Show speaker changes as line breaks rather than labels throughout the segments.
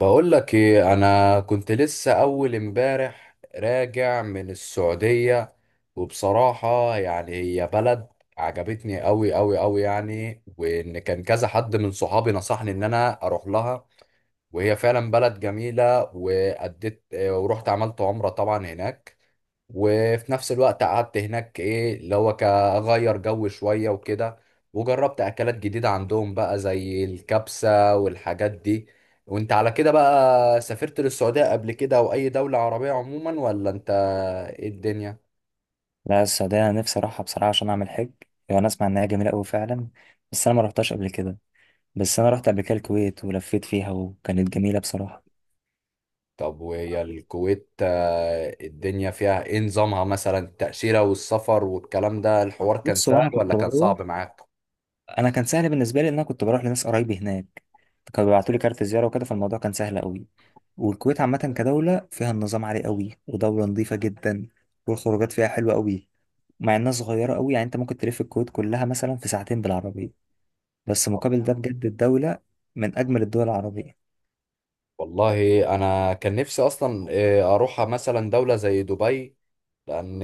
بقول لك ايه، انا كنت لسه اول امبارح راجع من السعودية. وبصراحة يعني هي بلد عجبتني قوي قوي قوي، يعني وان كان كذا حد من صحابي نصحني ان انا اروح لها. وهي فعلا بلد جميلة، وأديت ورحت عملت عمرة طبعا هناك. وفي نفس الوقت قعدت هناك، ايه اللي هو كأغير جو شوية وكده. وجربت أكلات جديدة عندهم بقى زي الكبسة والحاجات دي. وانت على كده بقى سافرت للسعودية قبل كده أو أي دولة عربية عموما ولا انت، ايه الدنيا؟
لا، السعودية أنا نفسي أروحها بصراحة عشان أعمل حج. يعني أنا أسمع إنها جميلة أوي فعلا، بس أنا ما رحتش قبل كده. بس أنا رحت قبل كده الكويت ولفيت فيها وكانت جميلة بصراحة.
طب وهي الكويت الدنيا فيها ايه؟ نظامها مثلا التأشيرة والسفر والكلام ده الحوار كان
بص، هو
سهل
أنا
ولا
كنت
كان
بروح
صعب معاك؟
أنا كان سهل بالنسبة لي إن أنا كنت بروح لناس قرايبي هناك، كانوا بيبعتوا لي كارت زيارة وكده، فالموضوع كان سهل أوي. والكويت عامة كدولة فيها النظام عالي أوي، ودولة نظيفة جدا، والخروجات فيها حلوة أوي، مع إنها صغيرة أوي، يعني أنت ممكن تلف الكويت كلها مثلا في ساعتين بالعربية. بس مقابل ده بجد الدولة من أجمل الدول العربية.
والله انا كان نفسي اصلا اروح مثلا دولة زي دبي، لان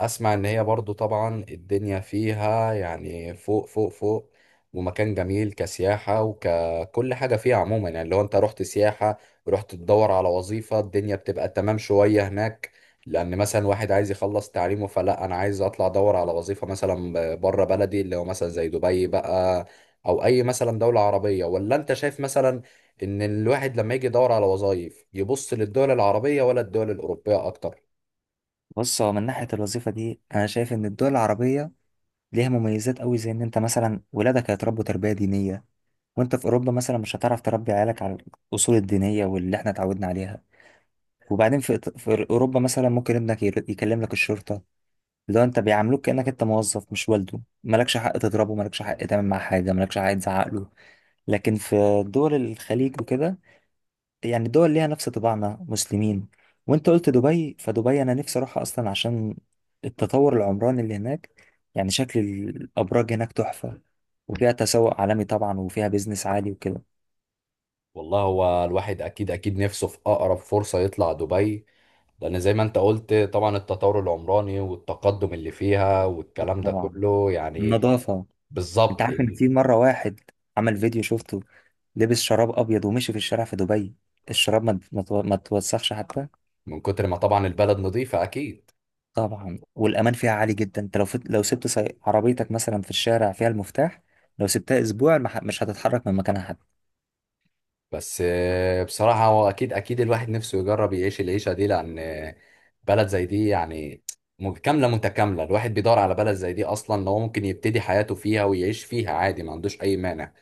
اسمع ان هي برضو طبعا الدنيا فيها يعني فوق فوق فوق، ومكان جميل كسياحة وككل حاجة فيها عموما. يعني لو انت رحت سياحة ورحت تدور على وظيفة الدنيا بتبقى تمام شوية هناك. لان مثلا واحد عايز يخلص تعليمه، فلا انا عايز اطلع ادور على وظيفة مثلا بره بلدي اللي هو مثلا زي دبي بقى، او اي مثلا دولة عربية. ولا انت شايف مثلا ان الواحد لما يجي يدور على وظائف يبص للدول العربية ولا الدول الأوروبية اكتر؟
بص، هو من ناحية الوظيفة دي أنا شايف إن الدول العربية ليها مميزات أوي، زي إن أنت مثلا ولادك هيتربوا تربية دينية، وأنت في أوروبا مثلا مش هتعرف تربي عيالك على الأصول الدينية واللي إحنا اتعودنا عليها. وبعدين في أوروبا مثلا ممكن ابنك يكلم لك الشرطة، لو أنت بيعاملوك كأنك أنت موظف مش والده، مالكش حق تضربه، مالكش حق تعمل معاه حاجة، مالكش حق تزعق له. لكن في دول الخليج وكده، يعني دول ليها نفس طباعنا، مسلمين. وانت قلت دبي، فدبي انا نفسي اروحها اصلا عشان التطور العمراني اللي هناك، يعني شكل الابراج هناك تحفة، وفيها تسوق عالمي طبعا، وفيها بيزنس عالي وكده.
والله هو الواحد اكيد اكيد نفسه في اقرب فرصة يطلع دبي، لان زي ما انت قلت طبعا التطور العمراني والتقدم اللي فيها والكلام ده
طبعا
كله يعني.
النظافة، انت
بالظبط
عارف ان
ال-
في مرة واحد عمل فيديو شفته، لبس شراب ابيض ومشي في الشارع في دبي، الشراب ما توسخش حتى.
من كتر ما طبعا البلد نظيفة اكيد.
طبعا، والامان فيها عالي جدا، انت لو سبت عربيتك مثلا في الشارع فيها المفتاح، لو سبتها اسبوع مش هتتحرك من مكانها.
بس بصراحة هو اكيد اكيد الواحد نفسه يجرب يعيش العيشة دي، لان بلد زي دي يعني, كاملة متكاملة. الواحد بيدور على بلد زي دي اصلا لو ممكن يبتدي حياته فيها ويعيش فيها عادي، ما عندوش اي مانع.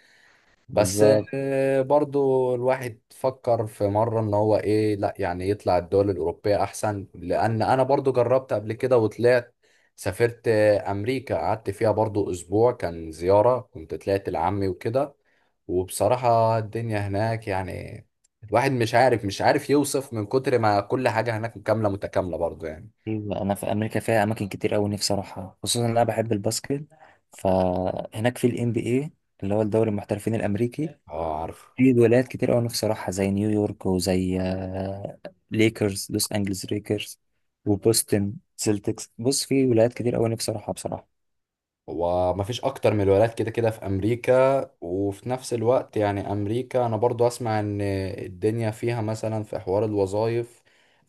بس
بالظبط.
برضو الواحد فكر في مرة ان هو ايه، لا يعني يطلع الدول الأوروبية احسن، لان انا برضو جربت قبل كده وطلعت سافرت امريكا، قعدت فيها برضو اسبوع، كان زيارة كنت طلعت لعمي وكده. وبصراحة الدنيا هناك يعني الواحد مش عارف يوصف من كتر ما كل حاجة هناك كاملة متكاملة برضو يعني.
أيوة، انا في امريكا فيها اماكن كتير قوي نفسي اروحها، خصوصا ان انا بحب الباسكت. فهناك في الام بي اي، اللي هو الدوري المحترفين الامريكي،
اه عارف.
في ولايات كتير قوي نفسي اروحها، زي نيويورك، وزي ليكرز، لوس انجلز ليكرز، وبوستن سيلتكس. بص، في ولايات كتير قوي نفسي اروحها بصراحة.
ومفيش اكتر من الولايات كده كده في امريكا. وفي نفس الوقت يعني امريكا انا برضو اسمع ان الدنيا فيها مثلا في حوار الوظائف،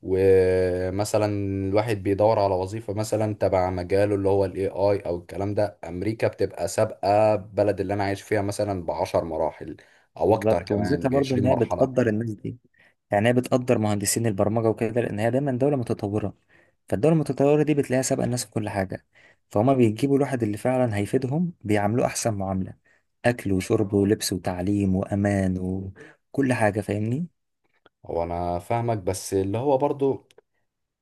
ومثلا الواحد بيدور على وظيفة مثلا تبع مجاله اللي هو الاي اي او الكلام ده، امريكا بتبقى سابقة بلد اللي انا عايش فيها مثلا ب10 مراحل، او اكتر
بالظبط،
كمان
وميزتها برضو
بعشرين
ان هي
مرحلة
بتقدر الناس دي، يعني هي بتقدر مهندسين البرمجه وكده، لان هي دايما دوله متطوره، فالدوله المتطوره دي بتلاقيها سابقه الناس في كل حاجه. فهما بيجيبوا الواحد اللي فعلا هيفيدهم بيعاملوه احسن معامله، اكل وشرب ولبس وتعليم وامان وكل حاجه، فاهمني.
هو انا فاهمك، بس اللي هو برضو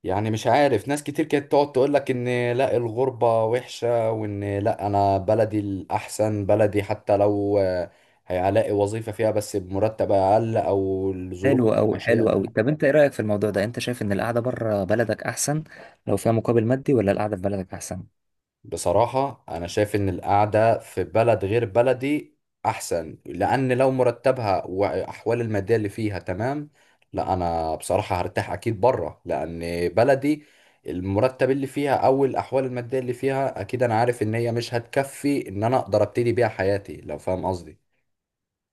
يعني مش عارف ناس كتير كانت تقعد تقول لك ان لا الغربة وحشة، وان لا انا بلدي الاحسن، بلدي حتى لو هيلاقي وظيفة فيها بس بمرتب اقل او الظروف
حلو قوي،
المعيشية
حلو قوي.
اقل.
طب انت ايه رايك في الموضوع ده؟ انت شايف ان القعده بره بلدك احسن لو فيها مقابل مادي، ولا القعده في بلدك احسن؟
بصراحة أنا شايف إن القعدة في بلد غير بلدي أحسن، لأن لو مرتبها وأحوال المادية اللي فيها تمام، لا أنا بصراحة هرتاح أكيد بره. لأن بلدي المرتب اللي فيها أو الأحوال المادية اللي فيها أكيد أنا عارف إن هي مش هتكفي إن أنا أقدر أبتدي بيها حياتي، لو فاهم قصدي.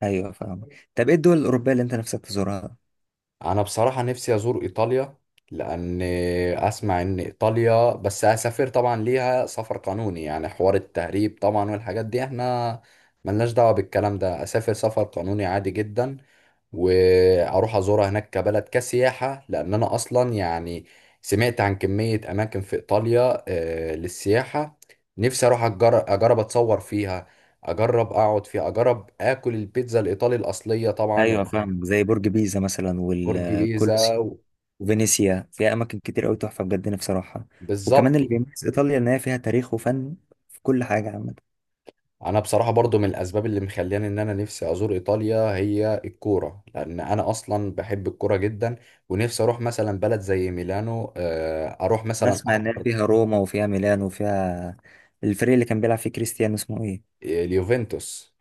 ايوه، فاهم. طب ايه الدول الاوروبيه اللي انت نفسك تزورها؟
انا بصراحة نفسي ازور ايطاليا. لان اسمع ان ايطاليا، بس اسافر طبعا ليها سفر قانوني، يعني حوار التهريب طبعا والحاجات دي احنا ملناش دعوة بالكلام ده. اسافر سفر قانوني عادي جدا، واروح ازورها هناك كبلد كسياحة. لان انا اصلا يعني سمعت عن كمية اماكن في ايطاليا للسياحة. نفسي اروح اجرب اتصور فيها، اجرب اقعد فيها، اجرب اكل البيتزا الايطالي الاصلية طبعا
ايوه
يعني.
فاهم، زي برج بيزا مثلا
برج بيزا
والكولسيوم. وفينيسيا، فيها اماكن كتير قوي تحفه بجد، نفسي اروحها. وكمان
بالظبط.
اللي بيميز ايطاليا ان هي فيها تاريخ وفن في كل حاجه عامه.
انا بصراحه برضو من الاسباب اللي مخلياني ان انا نفسي ازور ايطاليا هي الكوره، لان انا اصلا بحب الكوره جدا. ونفسي اروح مثلا بلد زي ميلانو، اروح مثلا
نسمع ان هي
احضر
فيها روما، وفيها ميلان، وفيها الفريق اللي كان بيلعب فيه كريستيانو، اسمه ايه؟
اليوفنتوس.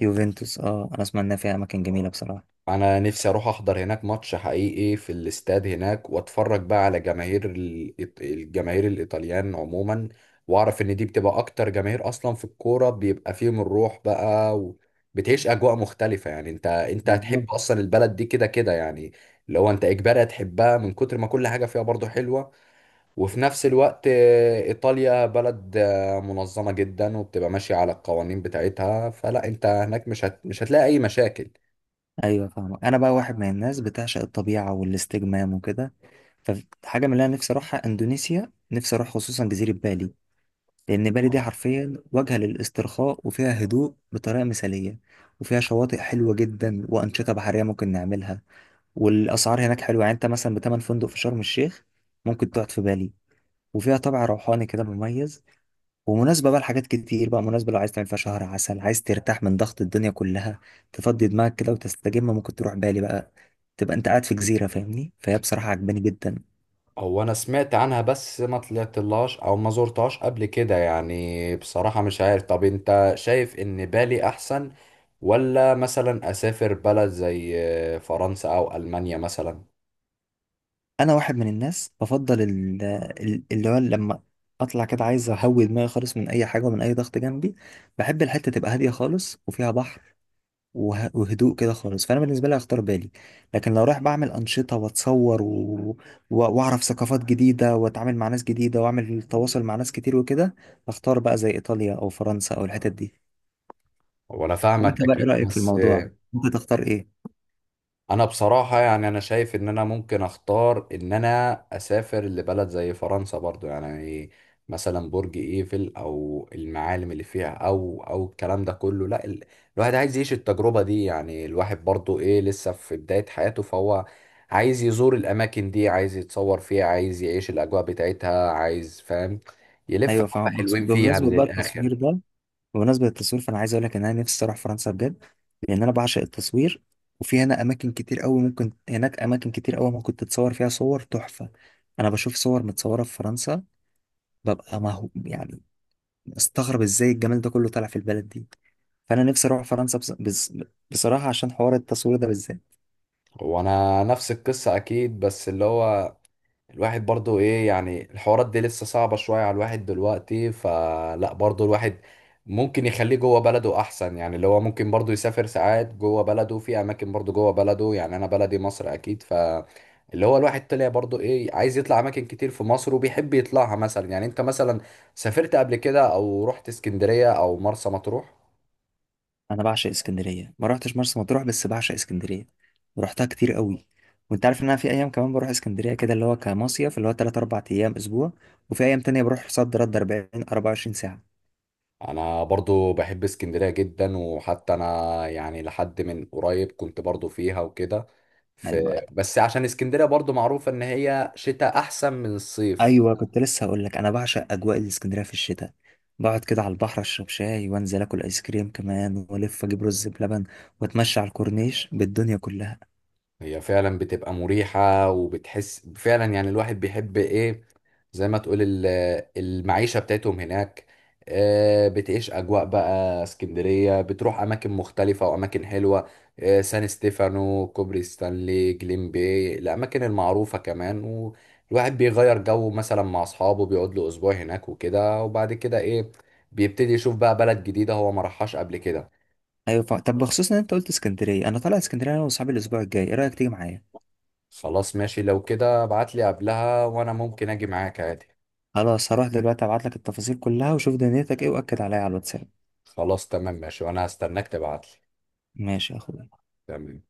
يوفنتوس، اه. انا اسمع انها فيها اماكن جميله بصراحه.
انا نفسي اروح احضر هناك ماتش حقيقي في الاستاد هناك، واتفرج بقى على جماهير الجماهير الايطاليان عموما. واعرف ان دي بتبقى اكتر جماهير اصلا في الكوره، بيبقى فيهم الروح بقى. وبتعيش اجواء مختلفه، يعني انت
بالظبط.
هتحب اصلا البلد دي كده كده يعني. لو انت اجباري هتحبها من كتر ما كل حاجه فيها برضو حلوه. وفي نفس الوقت ايطاليا بلد منظمه جدا، وبتبقى ماشيه على القوانين بتاعتها، فلا انت هناك مش هتلاقي اي مشاكل.
ايوه فاهم، انا بقى واحد من الناس بتعشق الطبيعه والاستجمام وكده. فحاجه من اللي انا نفسي اروحها اندونيسيا، نفسي اروح خصوصا جزيره بالي. لأن بالي دي حرفيا وجهة للاسترخاء، وفيها هدوء بطريقة مثالية، وفيها شواطئ حلوة جدا، وأنشطة بحرية ممكن نعملها. والأسعار هناك حلوة، يعني أنت مثلا بتمن فندق في شرم الشيخ ممكن تقعد في بالي. وفيها طابع روحاني كده مميز، ومناسبة بقى لحاجات كتير، بقى مناسبة لو عايز تعمل فيها شهر عسل، عايز ترتاح من ضغط الدنيا كلها، تفضي دماغك كده وتستجم، ممكن تروح بالي بقى، تبقى أنت قاعد في جزيرة، فاهمني. فهي بصراحة عجباني جدا.
هو انا سمعت عنها بس ما طلعتلهاش او ما زرتهاش قبل كده يعني، بصراحة مش عارف. طب انت شايف ان بالي احسن، ولا مثلا اسافر بلد زي فرنسا او المانيا مثلا؟
انا واحد من الناس بفضل اللي هو لما اطلع كده عايز اهوي دماغي خالص من اي حاجه ومن اي ضغط جنبي، بحب الحته تبقى هاديه خالص وفيها بحر وهدوء كده خالص، فانا بالنسبه لي هختار بالي. لكن لو رايح بعمل انشطه واتصور واعرف ثقافات جديده واتعامل مع ناس جديده واعمل تواصل مع ناس كتير وكده، هختار بقى زي ايطاليا او فرنسا او الحتت دي.
وانا فاهمك
وانت بقى ايه
اكيد
رايك في
بس.
الموضوع؟ انت تختار ايه؟
انا بصراحة يعني انا شايف ان انا ممكن اختار ان انا اسافر لبلد زي فرنسا برضو، يعني مثلا برج ايفل او المعالم اللي فيها او او الكلام ده كله. لا ال... الواحد عايز يعيش التجربة دي، يعني الواحد برضو ايه لسه في بداية حياته، فهو عايز يزور الاماكن دي، عايز يتصور فيها، عايز يعيش الاجواء بتاعتها، عايز فاهم يلف
ايوه
حبة
فاهم.
حلوين فيها
بمناسبه
من
بقى التصوير
الاخر.
ده، بمناسبة التصوير، فأنا عايز أقول لك إن أنا نفسي أروح فرنسا بجد، لأن أنا بعشق التصوير. وفي هنا أماكن كتير أوي ممكن، هناك أماكن كتير أوي ممكن تتصور فيها صور تحفة. أنا بشوف صور متصورة في فرنسا، ببقى مهو يعني أستغرب إزاي الجمال ده كله طالع في البلد دي. فأنا نفسي أروح فرنسا بصراحة عشان حوار التصوير ده بالذات.
وانا نفس القصة اكيد، بس اللي هو الواحد برضو ايه يعني الحوارات دي لسه صعبة شوية على الواحد دلوقتي. فلا برضو الواحد ممكن يخليه جوه بلده احسن، يعني اللي هو ممكن برضو يسافر ساعات جوه بلده في اماكن برضو جوه بلده، يعني انا بلدي مصر اكيد. ف اللي هو الواحد طلع برضو ايه عايز يطلع اماكن كتير في مصر، وبيحب يطلعها مثلا. يعني انت مثلا سافرت قبل كده او رحت اسكندرية او مرسى مطروح؟
انا بعشق اسكندريه، ما رحتش مرسى مطروح بس بعشق اسكندريه ورحتها كتير قوي. وانت عارف ان انا في ايام كمان بروح اسكندريه كده، اللي هو كمصيف، اللي هو 3 4 ايام اسبوع، وفي ايام تانية بروح صد رد 40 24 ساعه.
انا برضو بحب اسكندرية جدا، وحتى انا يعني لحد من قريب كنت برضو فيها وكده ف...
ايوه
بس عشان اسكندرية برضو معروفة ان هي شتاء احسن من الصيف.
ايوه، كنت لسه هقول لك انا بعشق اجواء الاسكندريه في الشتاء، بقعد كده على البحر اشرب شاي، وانزل اكل ايس كريم كمان، والف اجيب رز بلبن، واتمشى على الكورنيش بالدنيا كلها.
هي فعلا بتبقى مريحة، وبتحس فعلا يعني الواحد بيحب ايه، زي ما تقول, المعيشة بتاعتهم هناك. بتعيش أجواء بقى اسكندرية، بتروح أماكن مختلفة وأماكن حلوة، سان ستيفانو، كوبري ستانلي، جليم باي، الأماكن المعروفة كمان. والواحد بيغير جو مثلا مع أصحابه، بيقعد له أسبوع هناك وكده. وبعد كده ايه، بيبتدي يشوف بقى بلد جديدة هو ما راحهاش قبل كده.
ايوه طب بخصوص ان انت قلت اسكندريه، انا طالع اسكندريه انا واصحابي الاسبوع الجاي، ايه رايك تيجي معايا؟
خلاص ماشي، لو كده ابعت لي قبلها وأنا ممكن أجي معاك عادي.
خلاص هروح دلوقتي ابعت لك التفاصيل كلها، وشوف دنيتك ايه، واكد عليا على الواتساب.
خلاص تمام ماشي، وانا هستناك تبعتلي.
ماشي يا اخويا.
تمام.